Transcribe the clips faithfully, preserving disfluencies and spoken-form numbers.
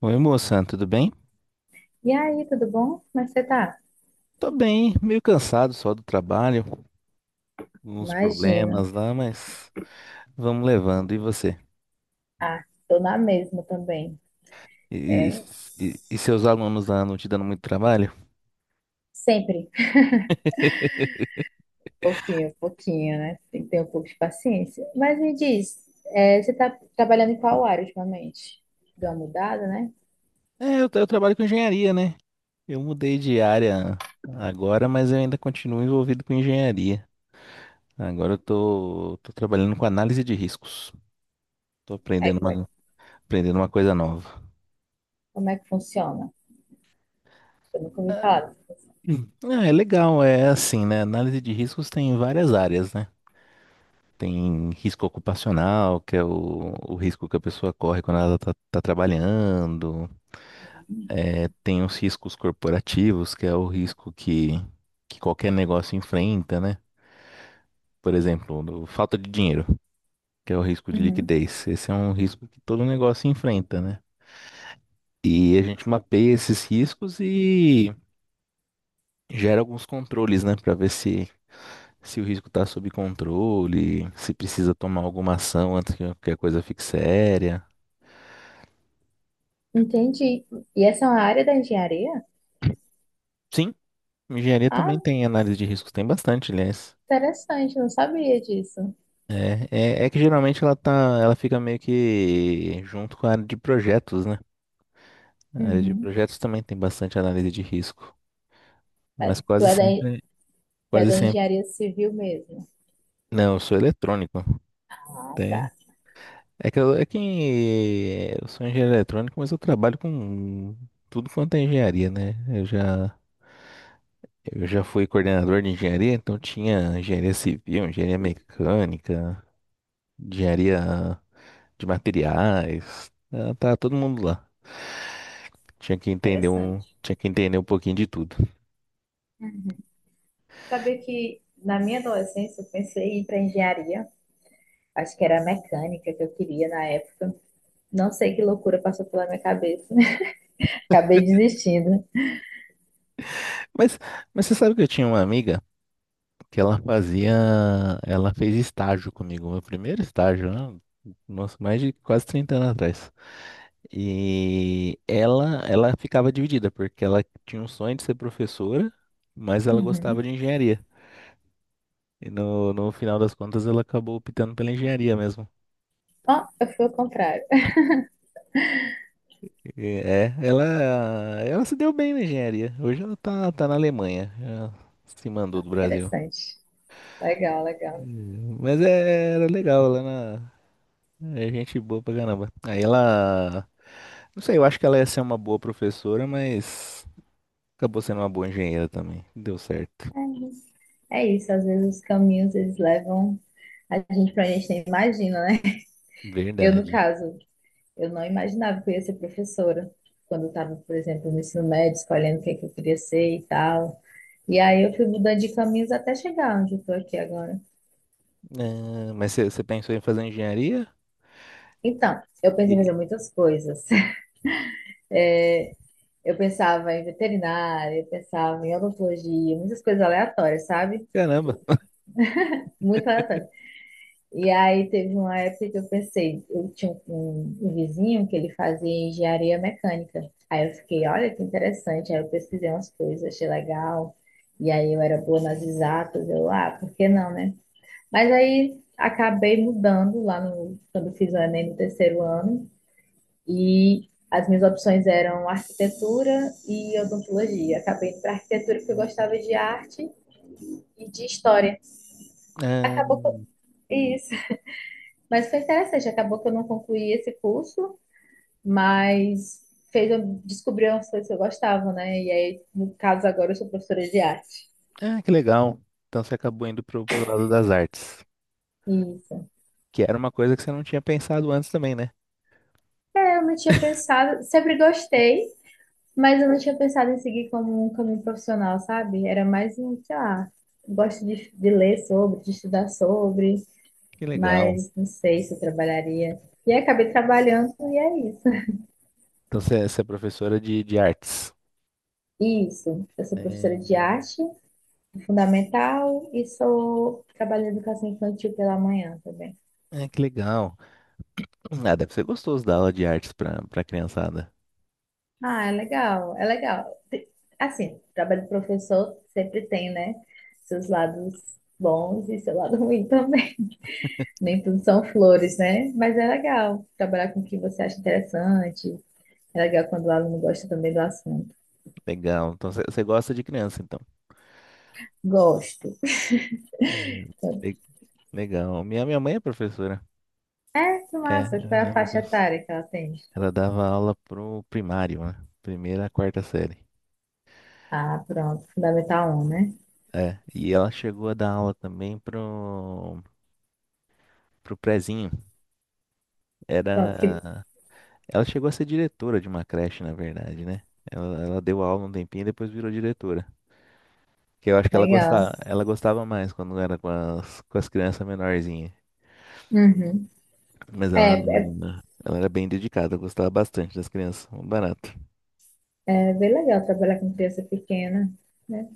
Oi, moça, tudo bem? E aí, tudo bom? Como é que você tá? Tô bem, meio cansado só do trabalho, uns Imagino. problemas lá, mas vamos levando. E você? Ah, tô na mesma também. E, É, e- e seus alunos lá não te dando muito trabalho? sempre. Pouquinho, pouquinho, né? Tem que ter um pouco de paciência. Mas me diz, é, você tá trabalhando em qual área ultimamente? Deu uma mudada, né? É, eu, tra- eu trabalho com engenharia, né? Eu mudei de área agora, mas eu ainda continuo envolvido com engenharia. Agora eu tô, tô trabalhando com análise de riscos. Tô Aí, aprendendo como é, uma, aprendendo uma coisa nova. como é que funciona? Eu nunca ouvi falar. Ah, é legal, é assim, né? Análise de riscos tem várias áreas, né? Tem risco ocupacional, que é o, o risco que a pessoa corre quando ela está trabalhando. É, tem os riscos corporativos, que é o risco que, que qualquer negócio enfrenta, né? Por exemplo, do- falta de dinheiro, que é o risco de Uhum. liquidez. Esse é um risco que todo negócio enfrenta, né? E a gente mapeia esses riscos e gera alguns controles, né? Para ver se, se o risco está sob controle, se precisa tomar alguma ação antes que que a coisa fique séria. Entendi. E essa é uma área da engenharia? Sim, engenharia Ah, também tem análise de riscos, tem bastante, aliás. interessante, não sabia disso. É, é, é que geralmente ela tá, ela fica meio que junto com a área de projetos, né? A área de Uhum. projetos também tem bastante análise de risco, É, mas Tu quase é da, sempre, tu é quase da sempre. engenharia civil mesmo. Não, eu sou eletrônico. Ah, tá. Tem- É que eu, é que eu sou engenheiro eletrônico, mas eu trabalho com tudo quanto é engenharia, né? Eu já, eu já fui coordenador de engenharia, então tinha engenharia civil, engenharia mecânica. engenharia de materiais. Ah, tá todo mundo lá. Tinha que entender um, Interessante. tinha que entender um pouquinho de tudo. Hum. Sabia que na minha adolescência eu pensei em ir para engenharia. Acho que era a mecânica que eu queria na época. Não sei que loucura passou pela minha cabeça. Acabei desistindo. Mas, mas você sabe que eu tinha uma amiga que ela fazia, ela fez estágio comigo, meu primeiro estágio, né? Nossa, mais de quase trinta anos atrás. E ela, ela ficava dividida, porque ela tinha um sonho de ser professora, mas ela Uhum. gostava de engenharia. E no, no final das contas ela acabou optando pela engenharia mesmo. Ó, eu fui ao contrário. É, ela, ela se deu bem na engenharia. Hoje ela tá, tá na Alemanha. Ela se mandou Ah, do Brasil. interessante. Legal, legal. Mas é- era legal lá na. É gente boa pra caramba. Aí ela. Não sei, eu acho que ela ia ser uma boa professora, mas acabou sendo uma boa engenheira também. Deu certo. É isso. É isso, às vezes os caminhos eles levam a gente para a gente nem imagina, né? Eu, no Verdade. caso, eu não imaginava que eu ia ser professora quando eu estava, por exemplo, no ensino médio, escolhendo o que, é que eu queria ser e tal. E aí eu fui mudando de caminhos até chegar onde eu estou aqui agora. Ah, mas você pensou em fazer engenharia? Então, eu pensei em E- fazer muitas coisas. Eu pensava em veterinária, eu pensava em odontologia, muitas coisas aleatórias, sabe? Caramba. Muito aleatórias. E aí teve uma época que eu pensei, eu tinha um, um vizinho que ele fazia engenharia mecânica. Aí eu fiquei, olha que interessante. Aí eu pesquisei umas coisas, achei legal. E aí eu era boa nas exatas, eu, ah, por que não, né? Mas aí acabei mudando lá no, quando fiz o Enem no terceiro ano. E as minhas opções eram arquitetura e odontologia. Acabei indo para arquitetura porque eu gostava de arte e de história. Ah, Acabou com isso. Mas foi interessante, acabou que eu não concluí esse curso, mas fez eu descobrir umas coisas que eu gostava, né? E aí, no caso agora, eu sou professora de arte. ah, que legal. Então você acabou indo pro, pro lado das artes, Isso. que era uma coisa que você não tinha pensado antes também, né? É, eu não tinha pensado, sempre gostei, mas eu não tinha pensado em seguir como um caminho profissional, sabe? Era mais um, sei lá, gosto de, de ler sobre, de estudar sobre, Que legal. mas não sei se eu trabalharia. E aí acabei trabalhando e é isso. Então você é você é professora de, de artes. Isso, eu sou É, professora de arte fundamental e sou trabalho de educação infantil pela manhã também. é, que legal. Ah, deve ser gostoso dar aula de artes para para criançada. Ah, é legal, é legal. Te- Assim, trabalho de professor sempre tem, né? Seus lados bons e seu lado ruim também. Nem tudo são flores, né? Mas é legal trabalhar com o que você acha interessante. É legal quando o aluno gosta também do assunto. Legal. Então você você gosta de criança, então. Gosto. É, le- legal. Minha, minha mãe é professora. É, que É, massa. Qual é ela, é a faixa profess- etária que ela tem? ela dava aula pro primário, né? Primeira a quarta série. Ah, pronto. Fundamental um, né? É, e ela chegou a dar aula também pro, pro prezinho. Pronto, que Era, ela chegou a ser diretora de uma creche, na verdade, né? Ela, ela deu aula um tempinho e depois virou diretora. Que eu acho que ela legal. gostava, ela gostava mais quando era com as, com as crianças menorzinhas. Uhum. Mas É, ela, é. ela era bem dedicada, gostava bastante das crianças, um barato. É bem legal trabalhar com criança pequena, né?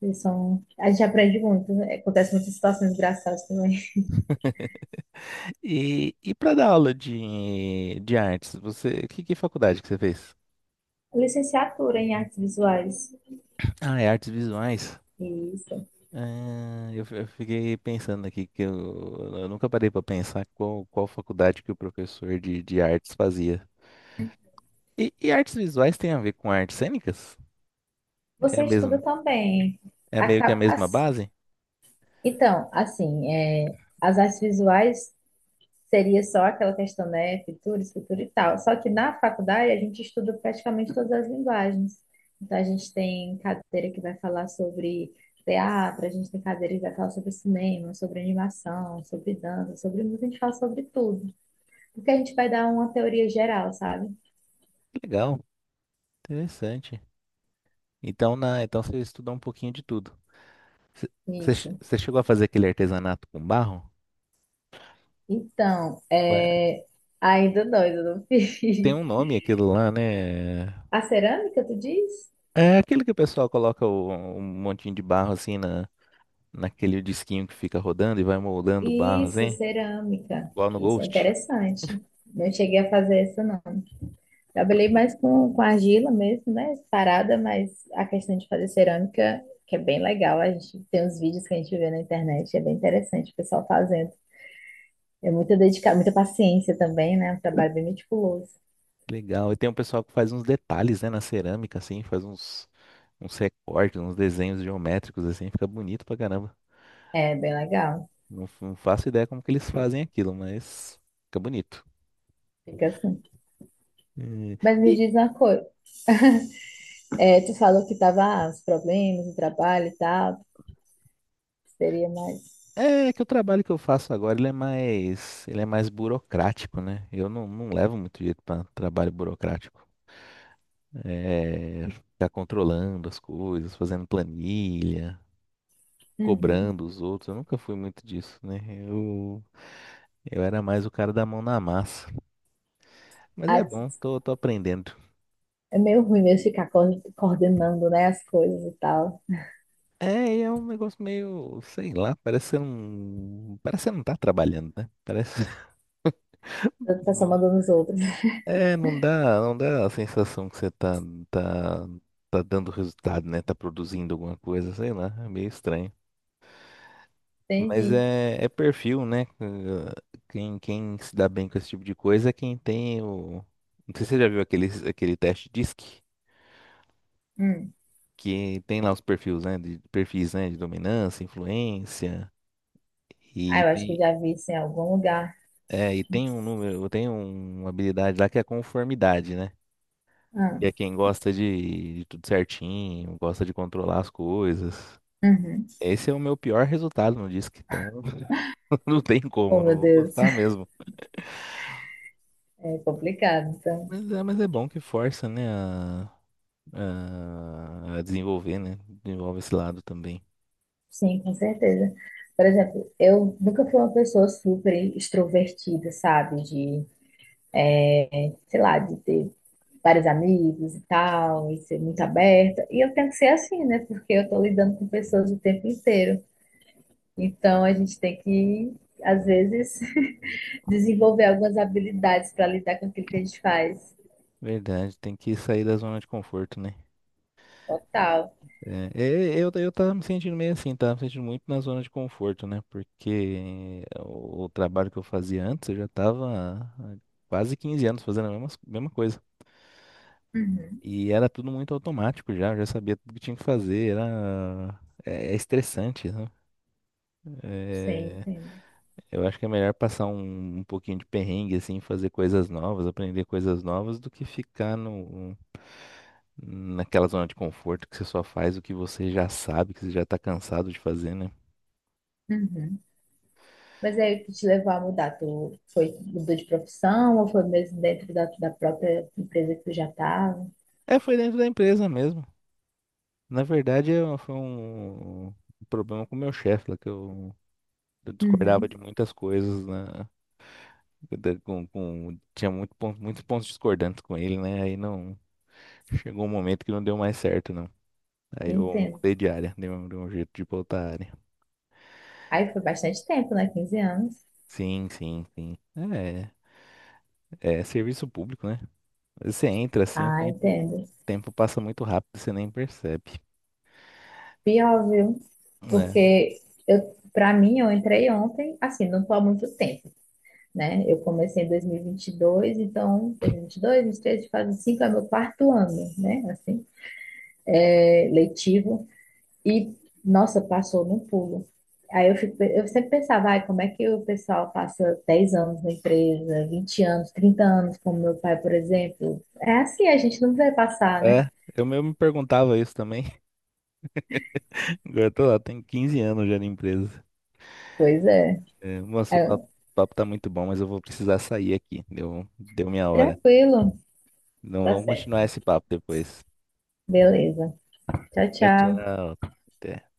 Eles são... A gente aprende muito, né? Acontece muitas situações engraçadas também. E, e para dar aula de, de artes, você, que, que faculdade que você fez? Licenciatura em artes visuais. Ah, é artes visuais. Isso. Ah, eu, fi- eu fiquei pensando aqui que eu, eu nunca parei para pensar qual, qual faculdade que o professor de, de artes fazia. E, e artes visuais tem a ver com artes cênicas? É a Você estuda mesma, também. é meio que a Acaba... mesma as- base? Então, assim, é, as artes visuais seria só aquela questão, né, Futura, escritura e tal. Só que na faculdade a gente estuda praticamente todas as linguagens. Então a gente tem cadeira que vai falar sobre teatro, a gente tem cadeira que vai falar sobre cinema, sobre animação, sobre dança, sobre música, a gente fala sobre tudo. Porque a gente vai dar uma teoria geral, sabe? Legal, interessante. Então, na, então você estudou um pouquinho de tudo. Você che- Isso. você chegou a fazer aquele artesanato com barro? Então, Ué, é... ainda não, ainda não tem um fiz. nome aquilo lá, né? A cerâmica, tu diz? É aquele que o pessoal coloca o- um montinho de barro assim na, naquele disquinho que fica rodando e vai moldando o barro Isso, assim. cerâmica. Lá no Isso é Ghost. interessante. Não cheguei a fazer isso, não. Trabalhei mais com, com argila mesmo, né? Parada, mas a questão de fazer cerâmica, que é bem legal. A gente tem uns vídeos que a gente vê na internet, é bem interessante o pessoal fazendo. É muita dedicação, muita paciência também, né? Um trabalho bem meticuloso. Legal. E tem um pessoal que faz uns detalhes, né, na cerâmica, assim, faz uns, uns recortes, uns desenhos geométricos, assim, fica bonito pra caramba. É bem legal. Não, f- não faço ideia como que eles fazem aquilo, mas fica bonito. Fica assim. Eh, Mas me diz uma coisa. É, tu falou que tava ah, os problemas, o trabalho e tal, que seria mais. É que o trabalho que eu faço agora, ele é mais, ele é mais burocrático, né? Eu não, não levo muito jeito para trabalho burocrático. É, ficar controlando as coisas, fazendo planilha, Uhum. cobrando os outros. Eu nunca fui muito disso, né? Eu, eu era mais o cara da mão na massa. Mas Ah, é t- bom, tô, tô aprendendo. É meio ruim mesmo ficar co- coordenando, né, as coisas e tal. É, e é um negócio meio, sei lá, parece que você não, parece que você não tá trabalhando, né? Parece, O pessoal mandando os outros. É, não dá, não dá a sensação que você tá, tá, tá dando resultado, né? Tá produzindo alguma coisa, sei lá, é meio estranho. Mas Entendi. é, é perfil, né? Eh, Quem, quem se dá bem com esse tipo de coisa é quem tem o. Não sei se você já viu aquele, aquele teste D I S C, Hum. que tem lá os perfis, né? De, perfis, né? De dominância, influência, Ah, e eu acho que tem, eu já vi isso em algum lugar. é, e tem um número, tem um, uma habilidade lá que é a conformidade, né? Ah, E é quem gosta de, de tudo certinho, gosta de controlar as coisas. uhum. Esse é o meu pior resultado no disco, então não tem como, Oh, eu não meu vou Deus, gostar mesmo. é complicado. Então, Mas é, mas é bom que força, né, a, a, a desenvolver, né? Desenvolve esse lado também. sim, com certeza. Por exemplo, eu nunca fui uma pessoa super extrovertida, sabe? De, sei lá, de ter vários amigos e tal, e ser muito aberta. E eu tenho que ser assim, né? Porque eu tô lidando com pessoas o tempo inteiro. Então, a gente tem que, às vezes, desenvolver algumas habilidades para lidar com aquilo que a gente faz. Verdade, tem que sair da zona de conforto, né? Total. É, é, eu, eu tava me sentindo meio assim, tava me sentindo muito na zona de conforto, né? Porque o, o trabalho que eu fazia antes, eu já tava há quase quinze anos fazendo a mesma, mesma coisa. Uhum. E era tudo muito automático já, eu já sabia tudo que tinha que fazer, era... É, é estressante, né? Sim, É, entendo. eu acho que é melhor passar um, um pouquinho de perrengue, assim, fazer coisas novas, aprender coisas novas, do que ficar no, naquela zona de conforto que você só faz o que você já sabe, que você já tá cansado de fazer, né? Uhum. Mas aí o que te levou a mudar? Tu foi, mudou de profissão ou foi mesmo dentro da, da própria empresa que tu já estava? É, foi dentro da empresa mesmo. Na verdade, eu- foi um, um problema com o meu chefe, lá que eu, eu discordava Uhum, de muitas coisas, né? da- com- com- tinha muito pon- muitos pontos discordantes com ele, né? Aí não, chegou um momento que não deu mais certo, não. Aí eu entendo. mudei de área, dei um, dei um jeito de voltar à área. Aí foi bastante tempo, né? Quinze anos. Sim, sim, sim. É, é serviço público, né? Você entra assim, o Ah, tempo, o entendo. tempo passa muito rápido, você nem percebe. Pior, viu? É, Porque eu, para mim, eu entrei ontem, assim, não tô há muito tempo, né? Eu comecei em dois mil e vinte e dois, então dois mil e vinte e dois, dois mil e vinte e três, faz cinco é meu quarto ano, né? Assim, é, letivo. E, nossa, passou num pulo. Aí eu, fico, eu sempre pensava, ai, como é que o pessoal passa dez anos na empresa, vinte anos, trinta anos, como meu pai, por exemplo. É assim, a gente não vai passar, né? é, eu mesmo me perguntava isso também. Agora eu tô lá, tenho quinze anos já na empresa. Pois é. É, moço, o Aí papo, eu, o papo tá muito bom, mas eu vou precisar sair aqui. Deu, deu minha hora. tranquilo, Então tá vamos certo. continuar esse papo depois. Beleza. Tchau, Tchau, tchau. tchau. Até.